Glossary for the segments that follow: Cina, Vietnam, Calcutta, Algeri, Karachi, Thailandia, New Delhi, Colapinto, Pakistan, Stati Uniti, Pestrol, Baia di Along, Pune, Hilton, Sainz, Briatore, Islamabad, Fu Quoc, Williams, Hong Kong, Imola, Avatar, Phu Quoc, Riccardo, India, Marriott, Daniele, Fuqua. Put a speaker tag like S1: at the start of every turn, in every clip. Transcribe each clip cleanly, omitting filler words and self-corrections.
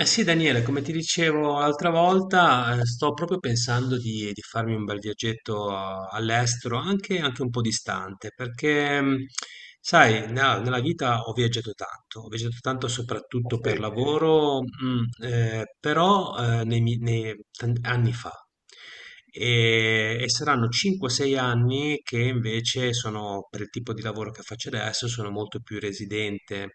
S1: Sì Daniele, come ti dicevo l'altra volta, sto proprio pensando di farmi un bel viaggetto all'estero, anche un po' distante, perché sai, nella vita ho viaggiato tanto soprattutto per
S2: Sì.
S1: lavoro, però nei, mi- nei tan- anni fa. E saranno 5-6 anni che invece sono, per il tipo di lavoro che faccio adesso, sono molto più residente.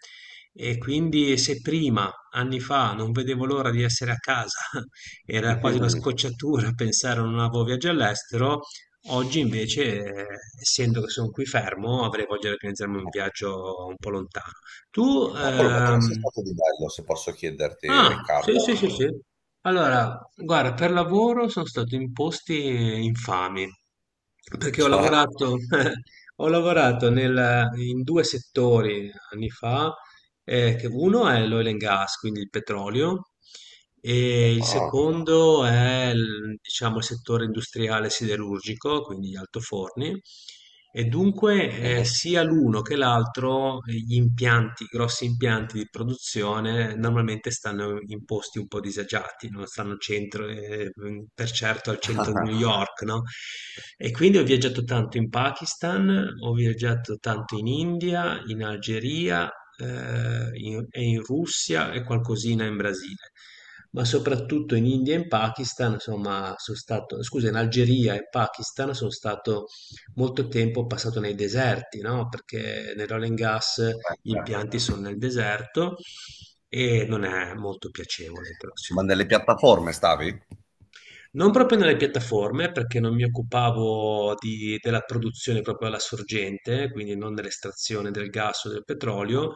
S1: E quindi se prima anni fa non vedevo l'ora di essere a casa, era quasi una
S2: Mm.
S1: scocciatura pensare a un nuovo viaggio all'estero. Oggi invece, essendo che sono qui fermo, avrei voglia di organizzarmi un viaggio un po' lontano. Tu,
S2: Cavolo, ma dove sei stato di bello, se posso chiederti,
S1: ah, sì,
S2: Riccardo?
S1: sì, sì, sì. Allora, guarda, per lavoro sono stato in posti infami, perché ho
S2: Cioè?
S1: lavorato, ho lavorato in due settori anni fa che uno è l'oil and gas, quindi il petrolio, e il
S2: Ah,
S1: secondo è il, diciamo, il settore industriale siderurgico, quindi gli altoforni, e dunque
S2: mhm.
S1: sia l'uno che l'altro, gli impianti, i grossi impianti di produzione normalmente stanno in posti un po' disagiati, non stanno al centro, per certo al centro di New York, no? E quindi ho viaggiato tanto in Pakistan, ho viaggiato tanto in India, in Algeria e in Russia e qualcosina in Brasile, ma soprattutto in India e in Pakistan, insomma, sono stato, scusa, in Algeria e Pakistan sono stato molto tempo passato nei deserti, no? Perché nel oil and gas gli impianti sono nel deserto e non è molto piacevole, però
S2: Ma
S1: sicuro.
S2: nelle piattaforme stavi?
S1: Non proprio nelle piattaforme, perché non mi occupavo della produzione proprio alla sorgente, quindi non dell'estrazione del gas o del petrolio.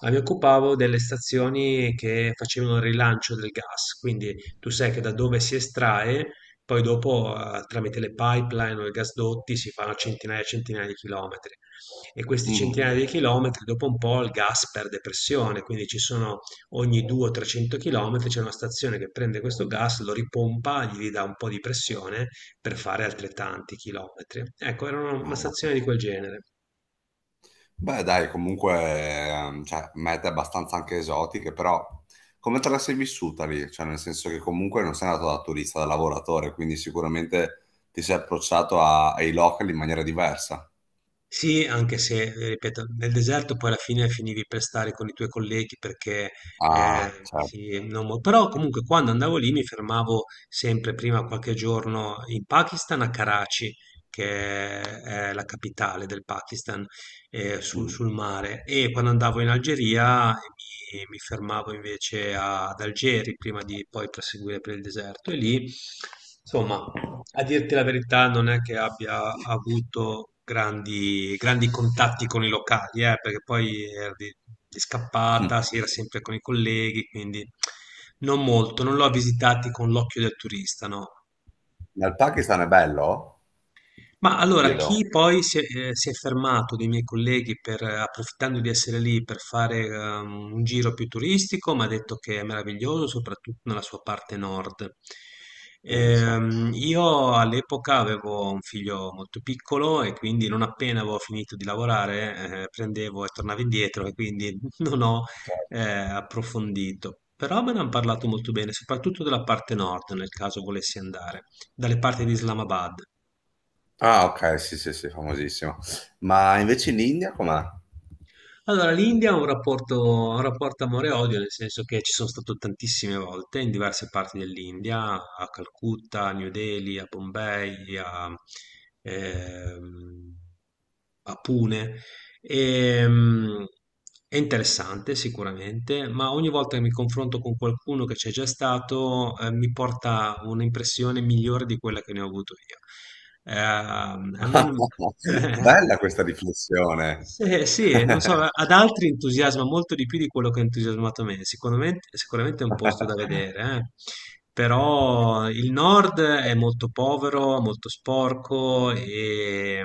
S1: Ah, mi occupavo delle stazioni che facevano il rilancio del gas, quindi tu sai che da dove si estrae, poi dopo tramite le pipeline o i gasdotti si fanno centinaia e centinaia di chilometri e questi
S2: Mhm.
S1: centinaia di chilometri dopo un po' il gas perde pressione, quindi ci sono ogni 200-300 chilometri c'è una stazione che prende questo gas, lo ripompa, gli ridà un po' di pressione per fare altrettanti chilometri. Ecco, era una
S2: Ah, ma...
S1: stazione di quel genere.
S2: Beh, dai, comunque, cioè, mete abbastanza anche esotiche, però come te la sei vissuta lì? Cioè, nel senso che comunque non sei andato da turista, da lavoratore, quindi sicuramente ti sei approcciato ai locali in maniera diversa.
S1: Sì, anche se, ripeto, nel deserto poi alla fine finivi per stare con i tuoi colleghi perché,
S2: Ah, certo.
S1: sì, non mo- però comunque quando andavo lì mi fermavo sempre prima qualche giorno in Pakistan a Karachi, che è la capitale del Pakistan,
S2: Mhm.
S1: sul mare, e quando andavo in Algeria mi fermavo invece ad Algeri prima di poi proseguire per il deserto e lì... Insomma, a dirti la verità, non è che abbia avuto grandi contatti con i locali, perché poi era di
S2: Hm.
S1: scappata, si era sempre con i colleghi, quindi non molto, non l'ho visitati con l'occhio del turista, no.
S2: Ma il Pakistan è bello?
S1: Ma allora,
S2: Chiedo,
S1: chi poi si è fermato dei miei colleghi per, approfittando di essere lì per fare un giro più turistico, mi ha detto che è meraviglioso, soprattutto nella sua parte nord.
S2: pensa.
S1: Io all'epoca avevo un figlio molto piccolo e quindi non appena avevo finito di lavorare, prendevo e tornavo indietro e quindi non ho approfondito. Però me ne hanno parlato molto bene, soprattutto della parte nord, nel caso volessi andare, dalle parti di Islamabad.
S2: Ah, ok, sì, sì, sì, famosissimo. Ma invece in India com'è?
S1: Allora, l'India ha un rapporto amore-odio, nel senso che ci sono stato tantissime volte in diverse parti dell'India, a Calcutta, a New Delhi, a Bombay, ehm, a Pune. E, mm, è interessante sicuramente, ma ogni volta che mi confronto con qualcuno che c'è già stato, mi porta un'impressione migliore di quella che ne ho avuto io. A me non...
S2: Bella questa riflessione.
S1: Sì, sì, non so, ad altri entusiasma molto di più di quello che ha entusiasmato me. Sicuramente, sicuramente è un posto da vedere, eh. Però il nord è molto povero, molto sporco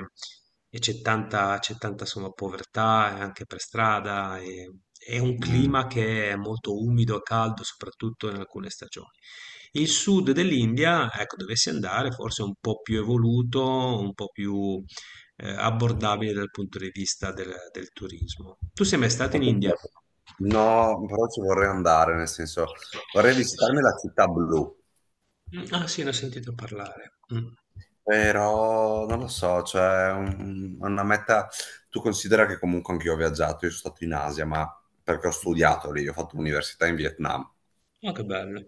S1: e c'è tanta insomma, povertà anche per strada. E, è un
S2: Mm.
S1: clima che è molto umido e caldo, soprattutto in alcune stagioni. Il sud dell'India, ecco, dovessi andare, forse è un po' più evoluto, un po' più abbordabile dal punto di vista del, del turismo. Tu sei mai stato
S2: Ma
S1: in
S2: tu...
S1: India?
S2: No, però ci vorrei andare, nel senso, vorrei visitarmi la città blu,
S1: Mm, ah sì, ne ho sentito parlare. Mm.
S2: però non lo so, cioè una meta, tu considera che comunque anch'io ho viaggiato, io sono stato in Asia, ma perché ho studiato lì, ho fatto l'università in Vietnam.
S1: Oh, che bello.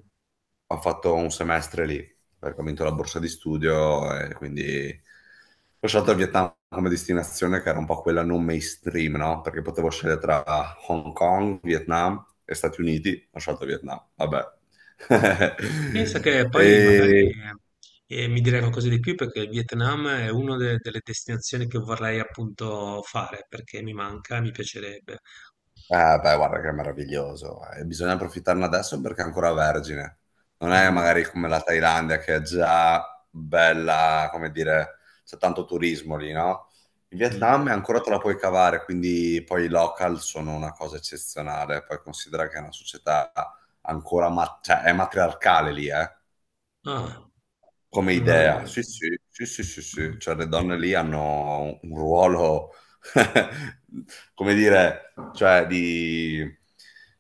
S2: Ho fatto un semestre lì perché ho vinto la borsa di studio e quindi ho scelto il Vietnam come destinazione che era un po' quella non mainstream, no? Perché potevo scegliere tra Hong Kong, Vietnam e Stati Uniti, ho scelto Vietnam, vabbè.
S1: Pensa che poi magari
S2: E,
S1: mi direi qualcosa di più perché il Vietnam è una delle destinazioni che vorrei appunto fare perché mi manca, mi piacerebbe.
S2: eh, beh, guarda che è meraviglioso. E bisogna approfittarne adesso perché è ancora vergine. Non è
S1: Mm,
S2: magari come la Thailandia che è già bella, come dire, c'è tanto turismo lì, no? In
S1: mm.
S2: Vietnam ancora te la puoi cavare, quindi poi i local sono una cosa eccezionale. Poi considera che è una società ancora, ma... cioè, è matriarcale lì, eh.
S1: Ah,
S2: Come
S1: una-
S2: idea, sì, sì, sì, sì, sì, sì.
S1: mm.
S2: Cioè, le donne lì hanno un ruolo, come dire, cioè, di,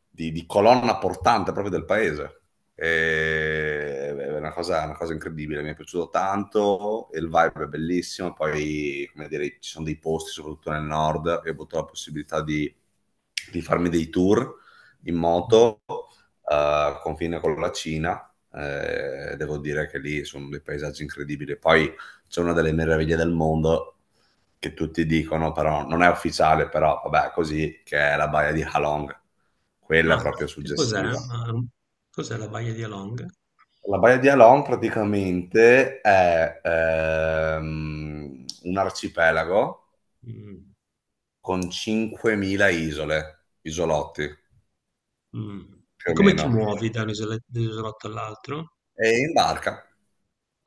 S2: di colonna portante proprio del paese. È una cosa incredibile, mi è piaciuto tanto, e il vibe è bellissimo, poi, come dire, ci sono dei posti, soprattutto nel nord, io ho avuto la possibilità di farmi dei tour in
S1: Mm.
S2: moto, confine con la Cina, devo dire che lì sono dei paesaggi incredibili. Poi c'è una delle meraviglie del mondo che tutti dicono, però non è ufficiale, però vabbè, così, che è la baia di Halong. Quella
S1: Ah,
S2: è proprio
S1: che cos'è?
S2: suggestiva.
S1: Ah, cos'è la Baia di Along?
S2: La baia di Halong praticamente è un arcipelago
S1: Mm.
S2: con 5.000 isole, isolotti
S1: Mh. E
S2: più o
S1: come ti mh
S2: meno,
S1: muovi da un isole da un isolotto all'altro?
S2: e in barca.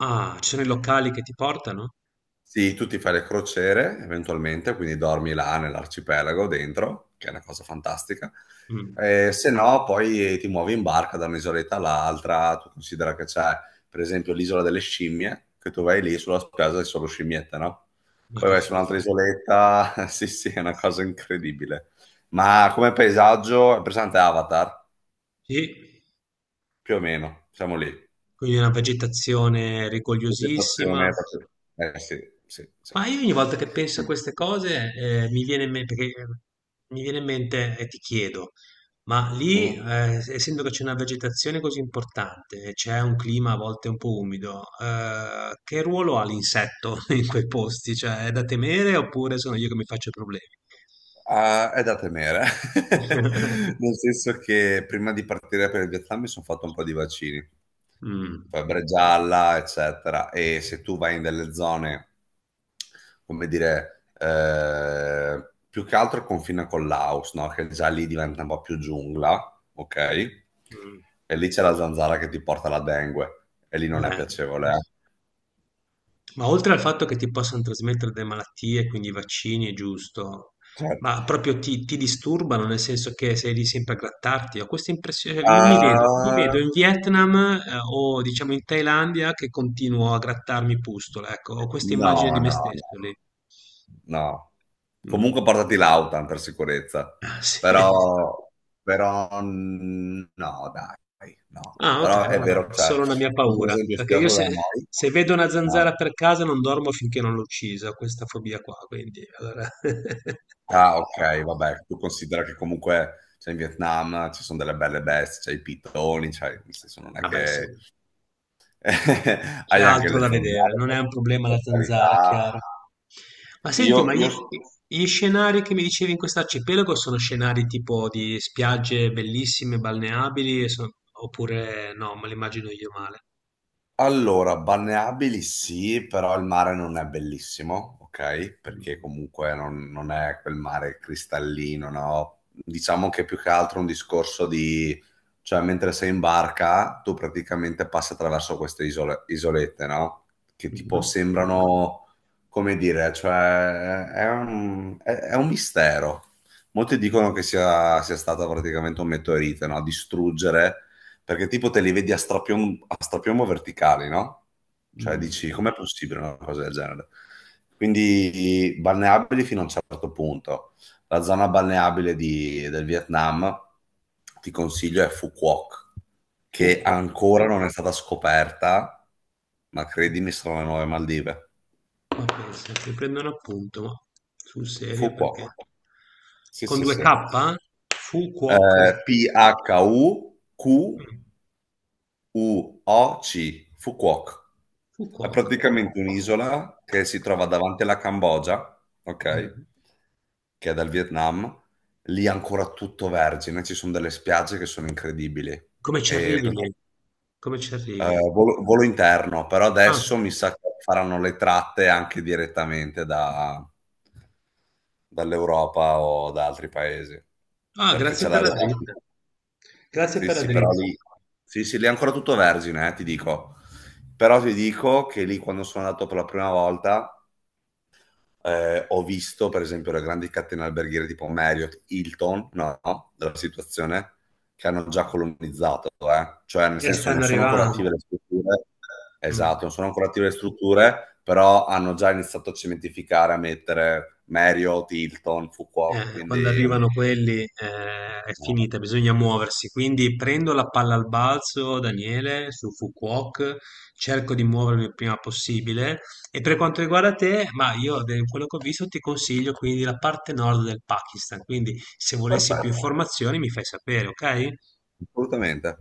S1: Ah, ci sono i locali che ti portano?
S2: Sì, tu ti fai le crociere eventualmente, quindi dormi là nell'arcipelago dentro, che è una cosa fantastica.
S1: Mh,
S2: Se no, poi ti muovi in barca da un'isoletta all'altra. Tu considera che c'è, per esempio, l'isola delle scimmie, che tu vai lì sulla spiaggia e solo scimmiette, no?
S1: ma
S2: Poi
S1: che
S2: vai su un'altra
S1: figata.
S2: isoletta. Sì, sì, è una cosa incredibile. Ma come paesaggio è presente Avatar?
S1: Sì,
S2: Più o meno, siamo lì.
S1: quindi una vegetazione rigogliosissima.
S2: Vegetazione proprio. Eh sì, sì, sì.
S1: Ma io ogni volta che penso a queste cose, mi viene in me perché mi viene in mente e ti chiedo, ma lì,
S2: Mhm.
S1: essendo che c'è una vegetazione così importante e c'è un clima a volte un po' umido, che ruolo ha l'insetto in quei posti? Cioè, è da temere oppure sono io che mi faccio problemi?
S2: Ah, è da temere,
S1: Mh.
S2: nel senso che prima di partire per il Vietnam mi sono fatto un po' di vaccini, febbre gialla, eccetera, e se tu vai in delle zone, come dire, più che altro confina con Laos, no? Che già lì diventa un po' più giungla, ok?
S1: Mh.
S2: E lì c'è la zanzara che ti porta la dengue, e lì non è
S1: Eh.
S2: piacevole, eh.
S1: Ma oltre al fatto che ti possano trasmettere delle malattie, quindi i vaccini è giusto,
S2: Certo.
S1: ma proprio ti disturbano, nel senso che sei lì sempre a grattarti? Ho questa impressione, io mi vedo
S2: Ah,
S1: in Vietnam, o diciamo in Thailandia, che continuo a grattarmi pustola, ecco, ho questa immagine di
S2: no,
S1: me
S2: no,
S1: stesso
S2: no.
S1: lì.
S2: No.
S1: Mh.
S2: Comunque portati l'Autan per sicurezza.
S1: Ah, sì.
S2: Però, però mm, no, dai, no.
S1: Ah, ok,
S2: Però è
S1: allora,
S2: vero, cioè,
S1: solo una mia
S2: per
S1: paura,
S2: esempio,
S1: perché io
S2: studiato da
S1: se,
S2: noi,
S1: se vedo una
S2: no.
S1: zanzara per casa non dormo finché non l'ho uccisa, ho questa fobia qua, quindi allora...
S2: Ah, ok, vabbè, tu considera che comunque cioè, in Vietnam ci sono delle belle bestie, c'è i pitoni, cioè, nel senso non è
S1: Vabbè, sì,
S2: che
S1: c'è
S2: hai anche
S1: altro
S2: le
S1: da vedere,
S2: zanzare,
S1: non è un problema la
S2: per
S1: zanzara,
S2: carità.
S1: chiaro. Ma
S2: Io,
S1: senti, ma gli,
S2: io
S1: gli scenari che mi dicevi in quest'arcipelago sono scenari tipo di spiagge bellissime, balneabili, e sono- oppure no, me li immagino io male.
S2: allora, balneabili sì, però il mare non è bellissimo, ok? Perché
S1: Mm.
S2: comunque non è quel mare cristallino, no? Diciamo che è più che altro è un discorso di... Cioè mentre sei in barca, tu praticamente passi attraverso queste isolette, no? Che tipo
S1: Mhm.
S2: sembrano, come dire, cioè è un, è un mistero. Molti dicono
S1: Mm.
S2: che sia stato praticamente un meteorite, no? A distruggere, perché tipo te li vedi a strapiombo verticali, no? Cioè
S1: Mm.
S2: dici, com'è possibile una cosa del genere? Quindi balneabili fino a un certo punto. La zona balneabile del Vietnam, ti consiglio, è Phu Quoc,
S1: Fu.
S2: che
S1: Qua.
S2: ancora non è stata scoperta, ma credimi, sono le nuove Maldive.
S1: Ma pensa, ti prendono appunto, ma sul
S2: Phu
S1: serio perché?
S2: Quoc. Sì,
S1: Con
S2: sì, sì.
S1: 2K? Fu Quoc.
S2: P-H-U-Q-U-O-C.
S1: Mh,
S2: Phu Quoc.
S1: Fu
S2: È
S1: Quoc.
S2: praticamente un'isola che si trova davanti alla Cambogia,
S1: Mh.
S2: ok? Che è dal Vietnam. Lì è ancora tutto vergine, ci sono delle spiagge che sono incredibili.
S1: Come ci
S2: E
S1: arrivi
S2: per...
S1: lì? Come ci arrivi?
S2: volo, volo interno, però
S1: Ah.
S2: adesso mi sa che faranno le tratte anche direttamente da... dall'Europa o da altri paesi,
S1: Ah,
S2: perché c'è
S1: grazie per
S2: la
S1: la dritta. Grazie
S2: sì,
S1: per la
S2: sì, però
S1: dritta.
S2: lì sì, sì, lì è ancora tutto vergine, ti dico. Però ti dico che lì quando sono andato per la prima volta, ho visto per esempio le grandi catene alberghiere tipo Marriott, Hilton, no, no, della situazione, che hanno già colonizzato, eh. Cioè, nel senso, non
S1: Stanno
S2: sono ancora attive
S1: arrivando.
S2: le strutture
S1: Mh.
S2: esatto, non sono ancora attive le strutture, però hanno già iniziato a cementificare, a mettere Marriott, Hilton, Fuqua,
S1: Quando
S2: quindi
S1: arrivano quelli, è
S2: no, no,
S1: finita, bisogna muoversi. Quindi prendo la palla al balzo, Daniele, su Fukuok, cerco di muovermi il prima possibile. E per quanto riguarda te, ma io, da quello che ho visto, ti consiglio quindi la parte nord del Pakistan. Quindi se volessi più
S2: perfetto,
S1: informazioni mi fai sapere, ok?
S2: assolutamente.